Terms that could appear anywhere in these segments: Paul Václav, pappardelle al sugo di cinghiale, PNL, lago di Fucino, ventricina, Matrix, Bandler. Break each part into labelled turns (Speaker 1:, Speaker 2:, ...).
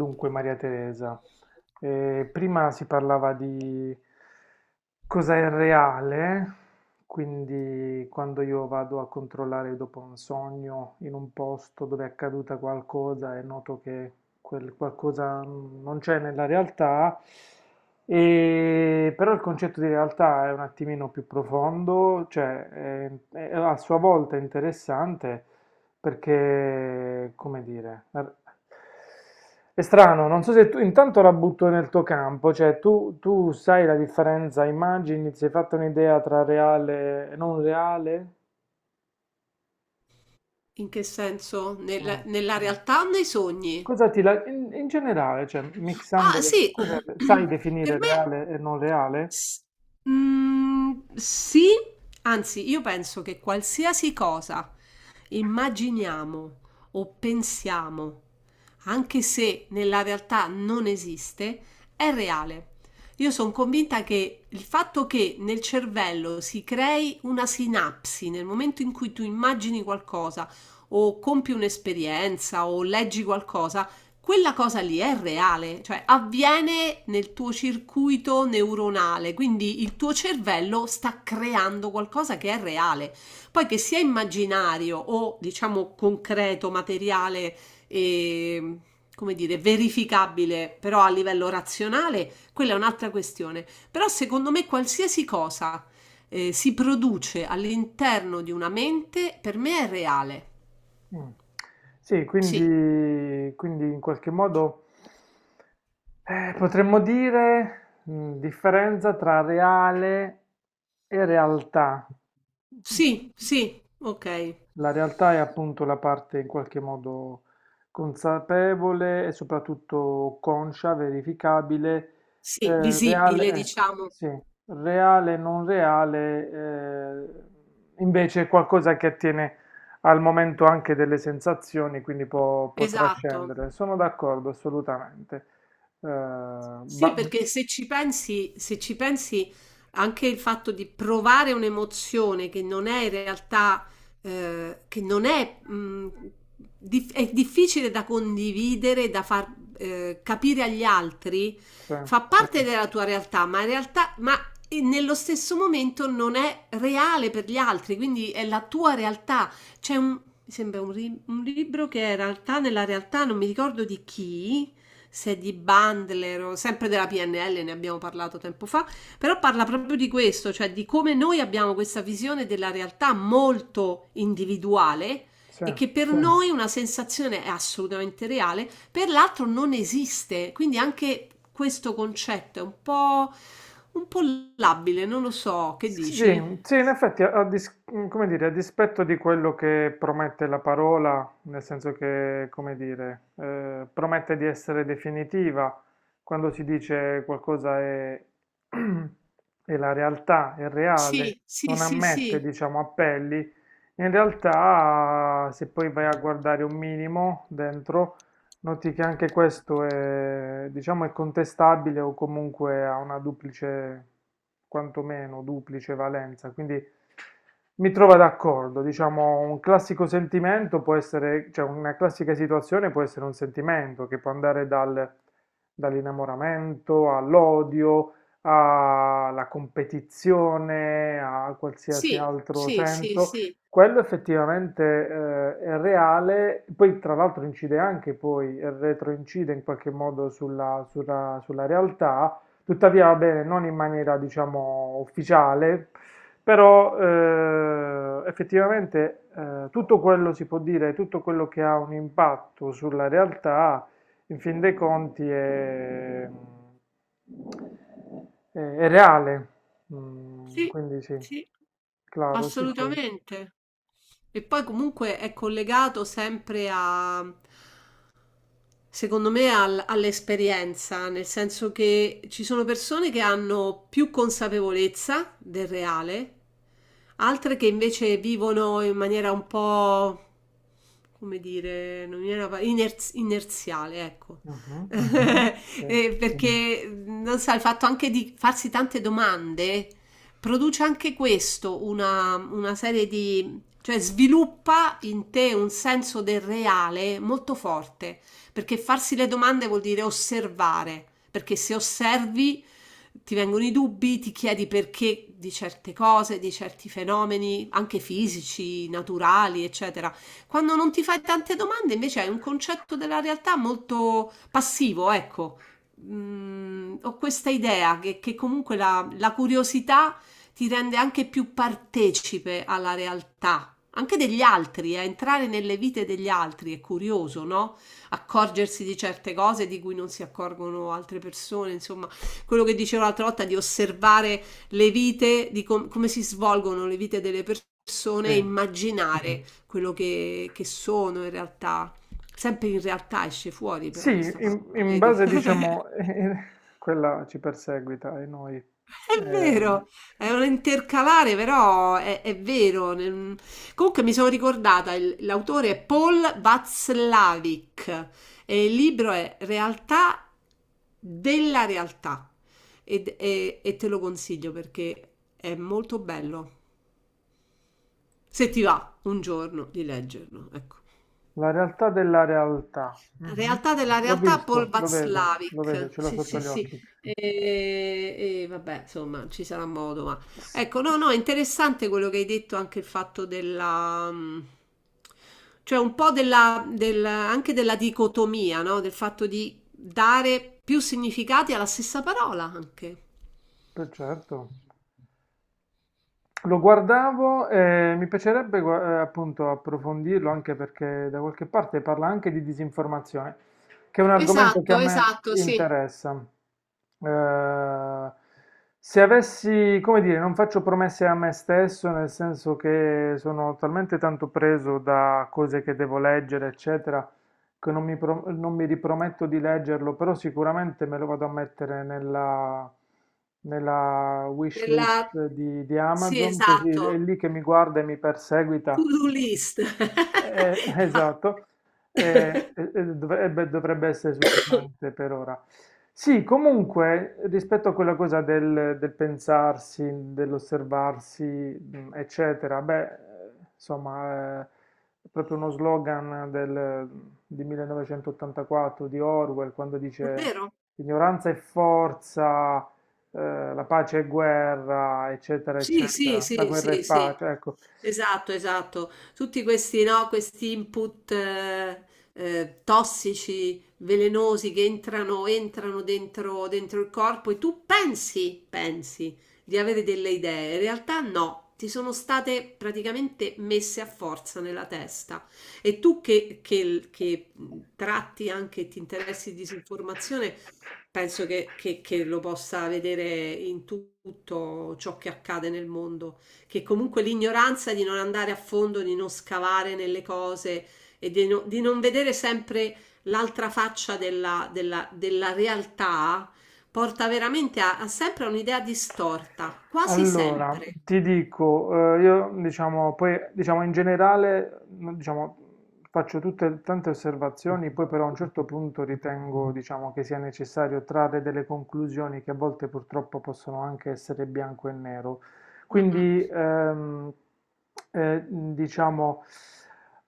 Speaker 1: Dunque, Maria Teresa, prima si parlava di cosa è reale, quindi quando io vado a controllare dopo un sogno in un posto dove è accaduta qualcosa e noto che quel qualcosa non c'è nella realtà, però il concetto di realtà è un attimino più profondo, cioè è a sua volta interessante perché, come dire, è strano, non so se tu intanto la butto nel tuo campo, cioè tu sai la differenza, immagini, si è fatta un'idea tra reale e non reale?
Speaker 2: In che senso? Nella
Speaker 1: Mm.
Speaker 2: nella realtà o nei sogni?
Speaker 1: Cosa in generale, cioè
Speaker 2: Ah
Speaker 1: mixandole,
Speaker 2: sì,
Speaker 1: sai
Speaker 2: per
Speaker 1: definire
Speaker 2: me
Speaker 1: reale e non reale?
Speaker 2: S- sì, anzi, io penso che qualsiasi cosa immaginiamo o pensiamo, anche se nella realtà non esiste, è reale. Io sono convinta che il fatto che nel cervello si crei una sinapsi nel momento in cui tu immagini qualcosa o compi un'esperienza o leggi qualcosa, quella cosa lì è reale, cioè avviene nel tuo circuito neuronale, quindi il tuo cervello sta creando qualcosa che è reale. Poi che sia immaginario o diciamo concreto, materiale e come dire, verificabile, però a livello razionale, quella è un'altra questione. Però secondo me qualsiasi cosa si produce all'interno di una mente, per me è reale.
Speaker 1: Mm. Sì,
Speaker 2: Sì,
Speaker 1: quindi in qualche modo potremmo dire differenza tra reale e realtà.
Speaker 2: sì, sì, ok.
Speaker 1: La realtà è appunto la parte in qualche modo consapevole e soprattutto conscia, verificabile,
Speaker 2: Sì,
Speaker 1: reale,
Speaker 2: visibile, diciamo.
Speaker 1: sì, reale, non reale, invece è qualcosa che attiene al momento anche delle sensazioni, quindi può
Speaker 2: Esatto.
Speaker 1: trascendere. Sono d'accordo, assolutamente. Eh,
Speaker 2: Sì,
Speaker 1: ba-
Speaker 2: perché se ci pensi, se ci pensi anche il fatto di provare un'emozione che non è in realtà, che non è, è difficile da condividere, da far capire agli altri,
Speaker 1: sì,
Speaker 2: fa parte della tua realtà, ma in realtà, ma e nello stesso momento non è reale per gli altri, quindi è la tua realtà. Mi sembra un libro che è in realtà nella realtà non mi ricordo di chi, se di Bandler o sempre della PNL, ne abbiamo parlato tempo fa, però parla proprio di questo, cioè di come noi abbiamo questa visione della realtà molto individuale
Speaker 1: sì.
Speaker 2: e che per Sì. noi una sensazione è assolutamente reale, per l'altro non esiste. Quindi anche questo concetto è un po' labile, non lo so, che
Speaker 1: Sì, sì,
Speaker 2: dici?
Speaker 1: in effetti, come dire, a dispetto di quello che promette la parola, nel senso che, come dire, promette di essere definitiva, quando si dice qualcosa è, è la realtà, è reale,
Speaker 2: Sì, sì,
Speaker 1: non
Speaker 2: sì,
Speaker 1: ammette,
Speaker 2: sì.
Speaker 1: diciamo, appelli, in realtà, se poi vai a guardare un minimo dentro, noti che anche questo è, diciamo, è contestabile o comunque ha una duplice, quantomeno duplice valenza, quindi mi trovo d'accordo, diciamo, un classico sentimento può essere, cioè una classica situazione può essere un sentimento che può andare dall'innamoramento all'odio, alla competizione, a qualsiasi
Speaker 2: Sì,
Speaker 1: altro
Speaker 2: sì, sì,
Speaker 1: senso.
Speaker 2: sì,
Speaker 1: Quello effettivamente, è reale, poi tra l'altro incide anche poi, retroincide in qualche modo sulla, sulla realtà, tuttavia va bene, non in maniera diciamo ufficiale, però effettivamente tutto quello si può dire, tutto quello che ha un impatto sulla realtà, in fin dei conti è, è reale.
Speaker 2: sì,
Speaker 1: Quindi sì,
Speaker 2: sì,
Speaker 1: claro, sì sì.
Speaker 2: assolutamente. E poi comunque è collegato sempre a, secondo me, all'esperienza, nel senso che ci sono persone che hanno più consapevolezza del reale, altre che invece vivono in maniera un po', come dire, non mi viene la inerziale, ecco.
Speaker 1: Mh-mh. Sì,
Speaker 2: Perché non so, il fatto anche di farsi tante domande produce anche questo, una serie di, cioè sviluppa in te un senso del reale molto forte perché farsi le domande vuol dire osservare, perché se osservi ti vengono i dubbi, ti chiedi perché di certe cose, di certi fenomeni, anche fisici, naturali, eccetera. Quando non ti fai tante domande, invece hai un concetto della realtà molto passivo, ecco. Mm, ho questa idea che comunque la curiosità ti rende anche più partecipe alla realtà, anche degli altri, a entrare nelle vite degli altri è curioso, no? Accorgersi di certe cose di cui non si accorgono altre persone, insomma, quello che dicevo l'altra volta di osservare le vite, di come si svolgono le vite delle persone e
Speaker 1: sì.
Speaker 2: immaginare quello che sono in realtà. Sempre in realtà esce fuori
Speaker 1: Sì,
Speaker 2: però questa
Speaker 1: in
Speaker 2: parola,
Speaker 1: in
Speaker 2: vedi?
Speaker 1: base diciamo quella ci perseguita e noi.
Speaker 2: È
Speaker 1: Ehm,
Speaker 2: vero, è un intercalare, però è vero. Comunque mi sono ricordata, l'autore è Paul Václavik e il libro è Realtà della realtà. E, e te lo consiglio perché è molto bello. Se ti va un giorno di leggerlo, ecco.
Speaker 1: la realtà della realtà. Mh-mh.
Speaker 2: Realtà della
Speaker 1: L'ho
Speaker 2: realtà, Paul
Speaker 1: visto, lo vedo,
Speaker 2: Václavic.
Speaker 1: ce l'ho
Speaker 2: Sì,
Speaker 1: sotto
Speaker 2: sì,
Speaker 1: gli
Speaker 2: sì.
Speaker 1: occhi.
Speaker 2: E vabbè, insomma, ci sarà modo, ma
Speaker 1: S
Speaker 2: ecco, no, no, è interessante quello che hai detto anche il fatto della cioè un po' della, anche della dicotomia, no? Del fatto di dare più significati alla stessa parola anche.
Speaker 1: per certo. Lo guardavo e mi piacerebbe appunto approfondirlo anche perché da qualche parte parla anche di disinformazione, che è un argomento che a
Speaker 2: Esatto,
Speaker 1: me
Speaker 2: esatto, sì.
Speaker 1: interessa. Eh, se avessi, come dire, non faccio promesse a me stesso, nel senso che sono talmente tanto preso da cose che devo leggere, eccetera, che non mi, non mi riprometto di leggerlo, però sicuramente me lo vado a mettere nella, nella wish list
Speaker 2: Nella...
Speaker 1: di
Speaker 2: Sì,
Speaker 1: Amazon, così è
Speaker 2: esatto.
Speaker 1: lì che mi guarda e mi perseguita
Speaker 2: To-do list.
Speaker 1: esatto. Dovrebbe essere sufficiente per ora. Sì, comunque, rispetto a quella cosa del pensarsi, dell'osservarsi, eccetera, beh, insomma, è proprio uno slogan di 1984 di Orwell quando dice
Speaker 2: Davvero?
Speaker 1: ignoranza è forza, la pace è guerra, eccetera,
Speaker 2: Sì, sì,
Speaker 1: eccetera, la
Speaker 2: sì,
Speaker 1: guerra è
Speaker 2: sì, sì,
Speaker 1: pace, ecco.
Speaker 2: esatto, esatto. Tutti questi, no, questi input tossici, velenosi che entrano, entrano dentro, dentro il corpo e tu pensi, pensi di avere delle idee, in realtà no, ti sono state praticamente messe a forza nella testa. E tu che tratti anche, ti interessi di disinformazione, penso che lo possa vedere in tutto ciò che accade nel mondo, che comunque l'ignoranza di non andare a fondo, di non scavare nelle cose e di, di non vedere sempre l'altra faccia della, della realtà porta veramente a, a sempre a un'idea distorta, quasi
Speaker 1: Allora,
Speaker 2: sempre.
Speaker 1: ti dico, io diciamo, poi diciamo in generale, no, diciamo, faccio tutte tante osservazioni, poi però a un certo punto ritengo, diciamo, che sia necessario trarre delle conclusioni che a volte purtroppo possono anche essere bianco e nero.
Speaker 2: Mm, mm.
Speaker 1: Quindi, diciamo,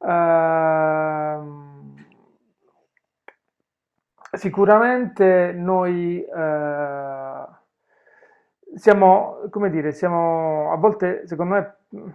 Speaker 1: ehm, sicuramente noi siamo, come dire, siamo a volte, secondo me,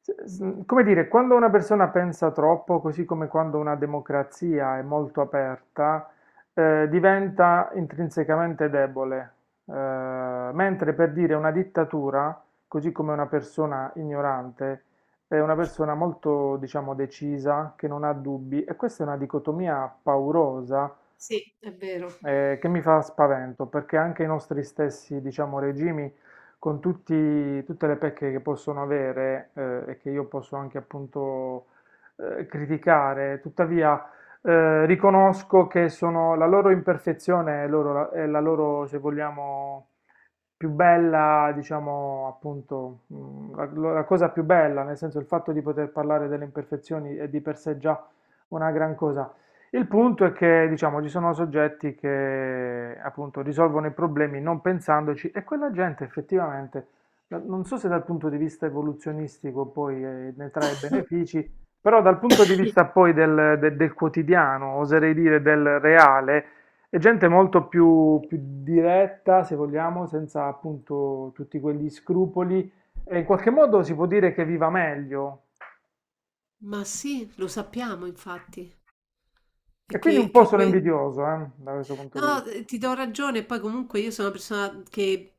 Speaker 1: come dire, quando una persona pensa troppo, così come quando una democrazia è molto aperta, diventa intrinsecamente debole. Mentre per dire una dittatura, così come una persona ignorante, è una persona molto, diciamo, decisa, che non ha dubbi, e questa è una dicotomia paurosa
Speaker 2: Sì, è vero.
Speaker 1: che mi fa spavento, perché anche i nostri stessi, diciamo, regimi, con tutte le pecche che possono avere e che io posso anche appunto criticare, tuttavia riconosco che sono la loro imperfezione è, è la loro, se vogliamo, più bella, diciamo, appunto, la cosa più bella, nel senso il fatto di poter parlare delle imperfezioni è di per sé già una gran cosa. Il punto è che, diciamo, ci sono soggetti che appunto risolvono i problemi non pensandoci e quella gente effettivamente, non so se dal punto di vista evoluzionistico poi ne trae benefici, però dal punto di vista poi del quotidiano, oserei dire del reale, è gente molto più diretta, se vogliamo, senza appunto tutti quegli scrupoli e in qualche modo si può dire che viva meglio.
Speaker 2: Ma sì, lo sappiamo infatti. E
Speaker 1: E
Speaker 2: che,
Speaker 1: quindi un po'
Speaker 2: che
Speaker 1: sono
Speaker 2: que-
Speaker 1: invidioso, da questo punto di
Speaker 2: No,
Speaker 1: vista.
Speaker 2: ti do ragione, poi comunque io sono una persona che,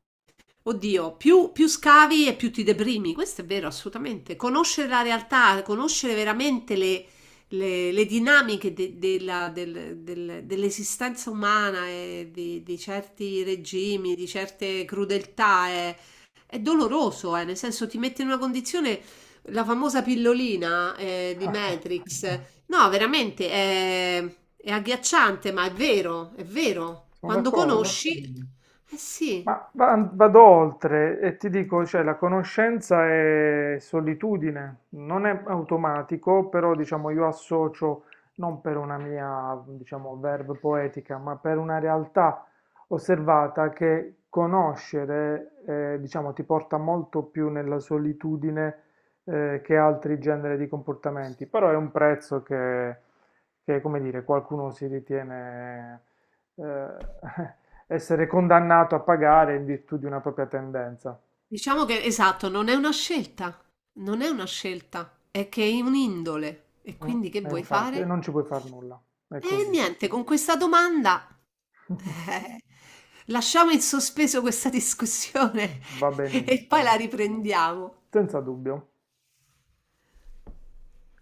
Speaker 2: oddio, più, più scavi e più ti deprimi, questo è vero, assolutamente. Conoscere la realtà, conoscere veramente le, le dinamiche dell'esistenza umana e di certi regimi, di certe crudeltà è doloroso, nel senso ti mette in una condizione, la famosa pillolina di Matrix. No, veramente è agghiacciante, ma è vero, è vero.
Speaker 1: Sono
Speaker 2: Quando
Speaker 1: d'accordo.
Speaker 2: conosci, Conosci? Fine. Eh sì,
Speaker 1: Ma vado oltre e ti dico, cioè, la conoscenza è solitudine, non è automatico, però diciamo io associo non per una mia, diciamo, verve poetica, ma per una realtà osservata che conoscere, diciamo, ti porta molto più nella solitudine, che altri generi di comportamenti, però è un prezzo che, come dire, qualcuno si ritiene eh, essere condannato a pagare in virtù di una propria tendenza.
Speaker 2: diciamo che esatto, non è una scelta, non è una scelta, è che è un'indole. E
Speaker 1: Mm,
Speaker 2: quindi che
Speaker 1: E
Speaker 2: vuoi
Speaker 1: infatti, e
Speaker 2: fare?
Speaker 1: non ci puoi far nulla. È
Speaker 2: E
Speaker 1: così.
Speaker 2: niente, con questa domanda eh, lasciamo in sospeso questa discussione
Speaker 1: Va
Speaker 2: e poi la
Speaker 1: benissimo.
Speaker 2: riprendiamo.
Speaker 1: Senza dubbio.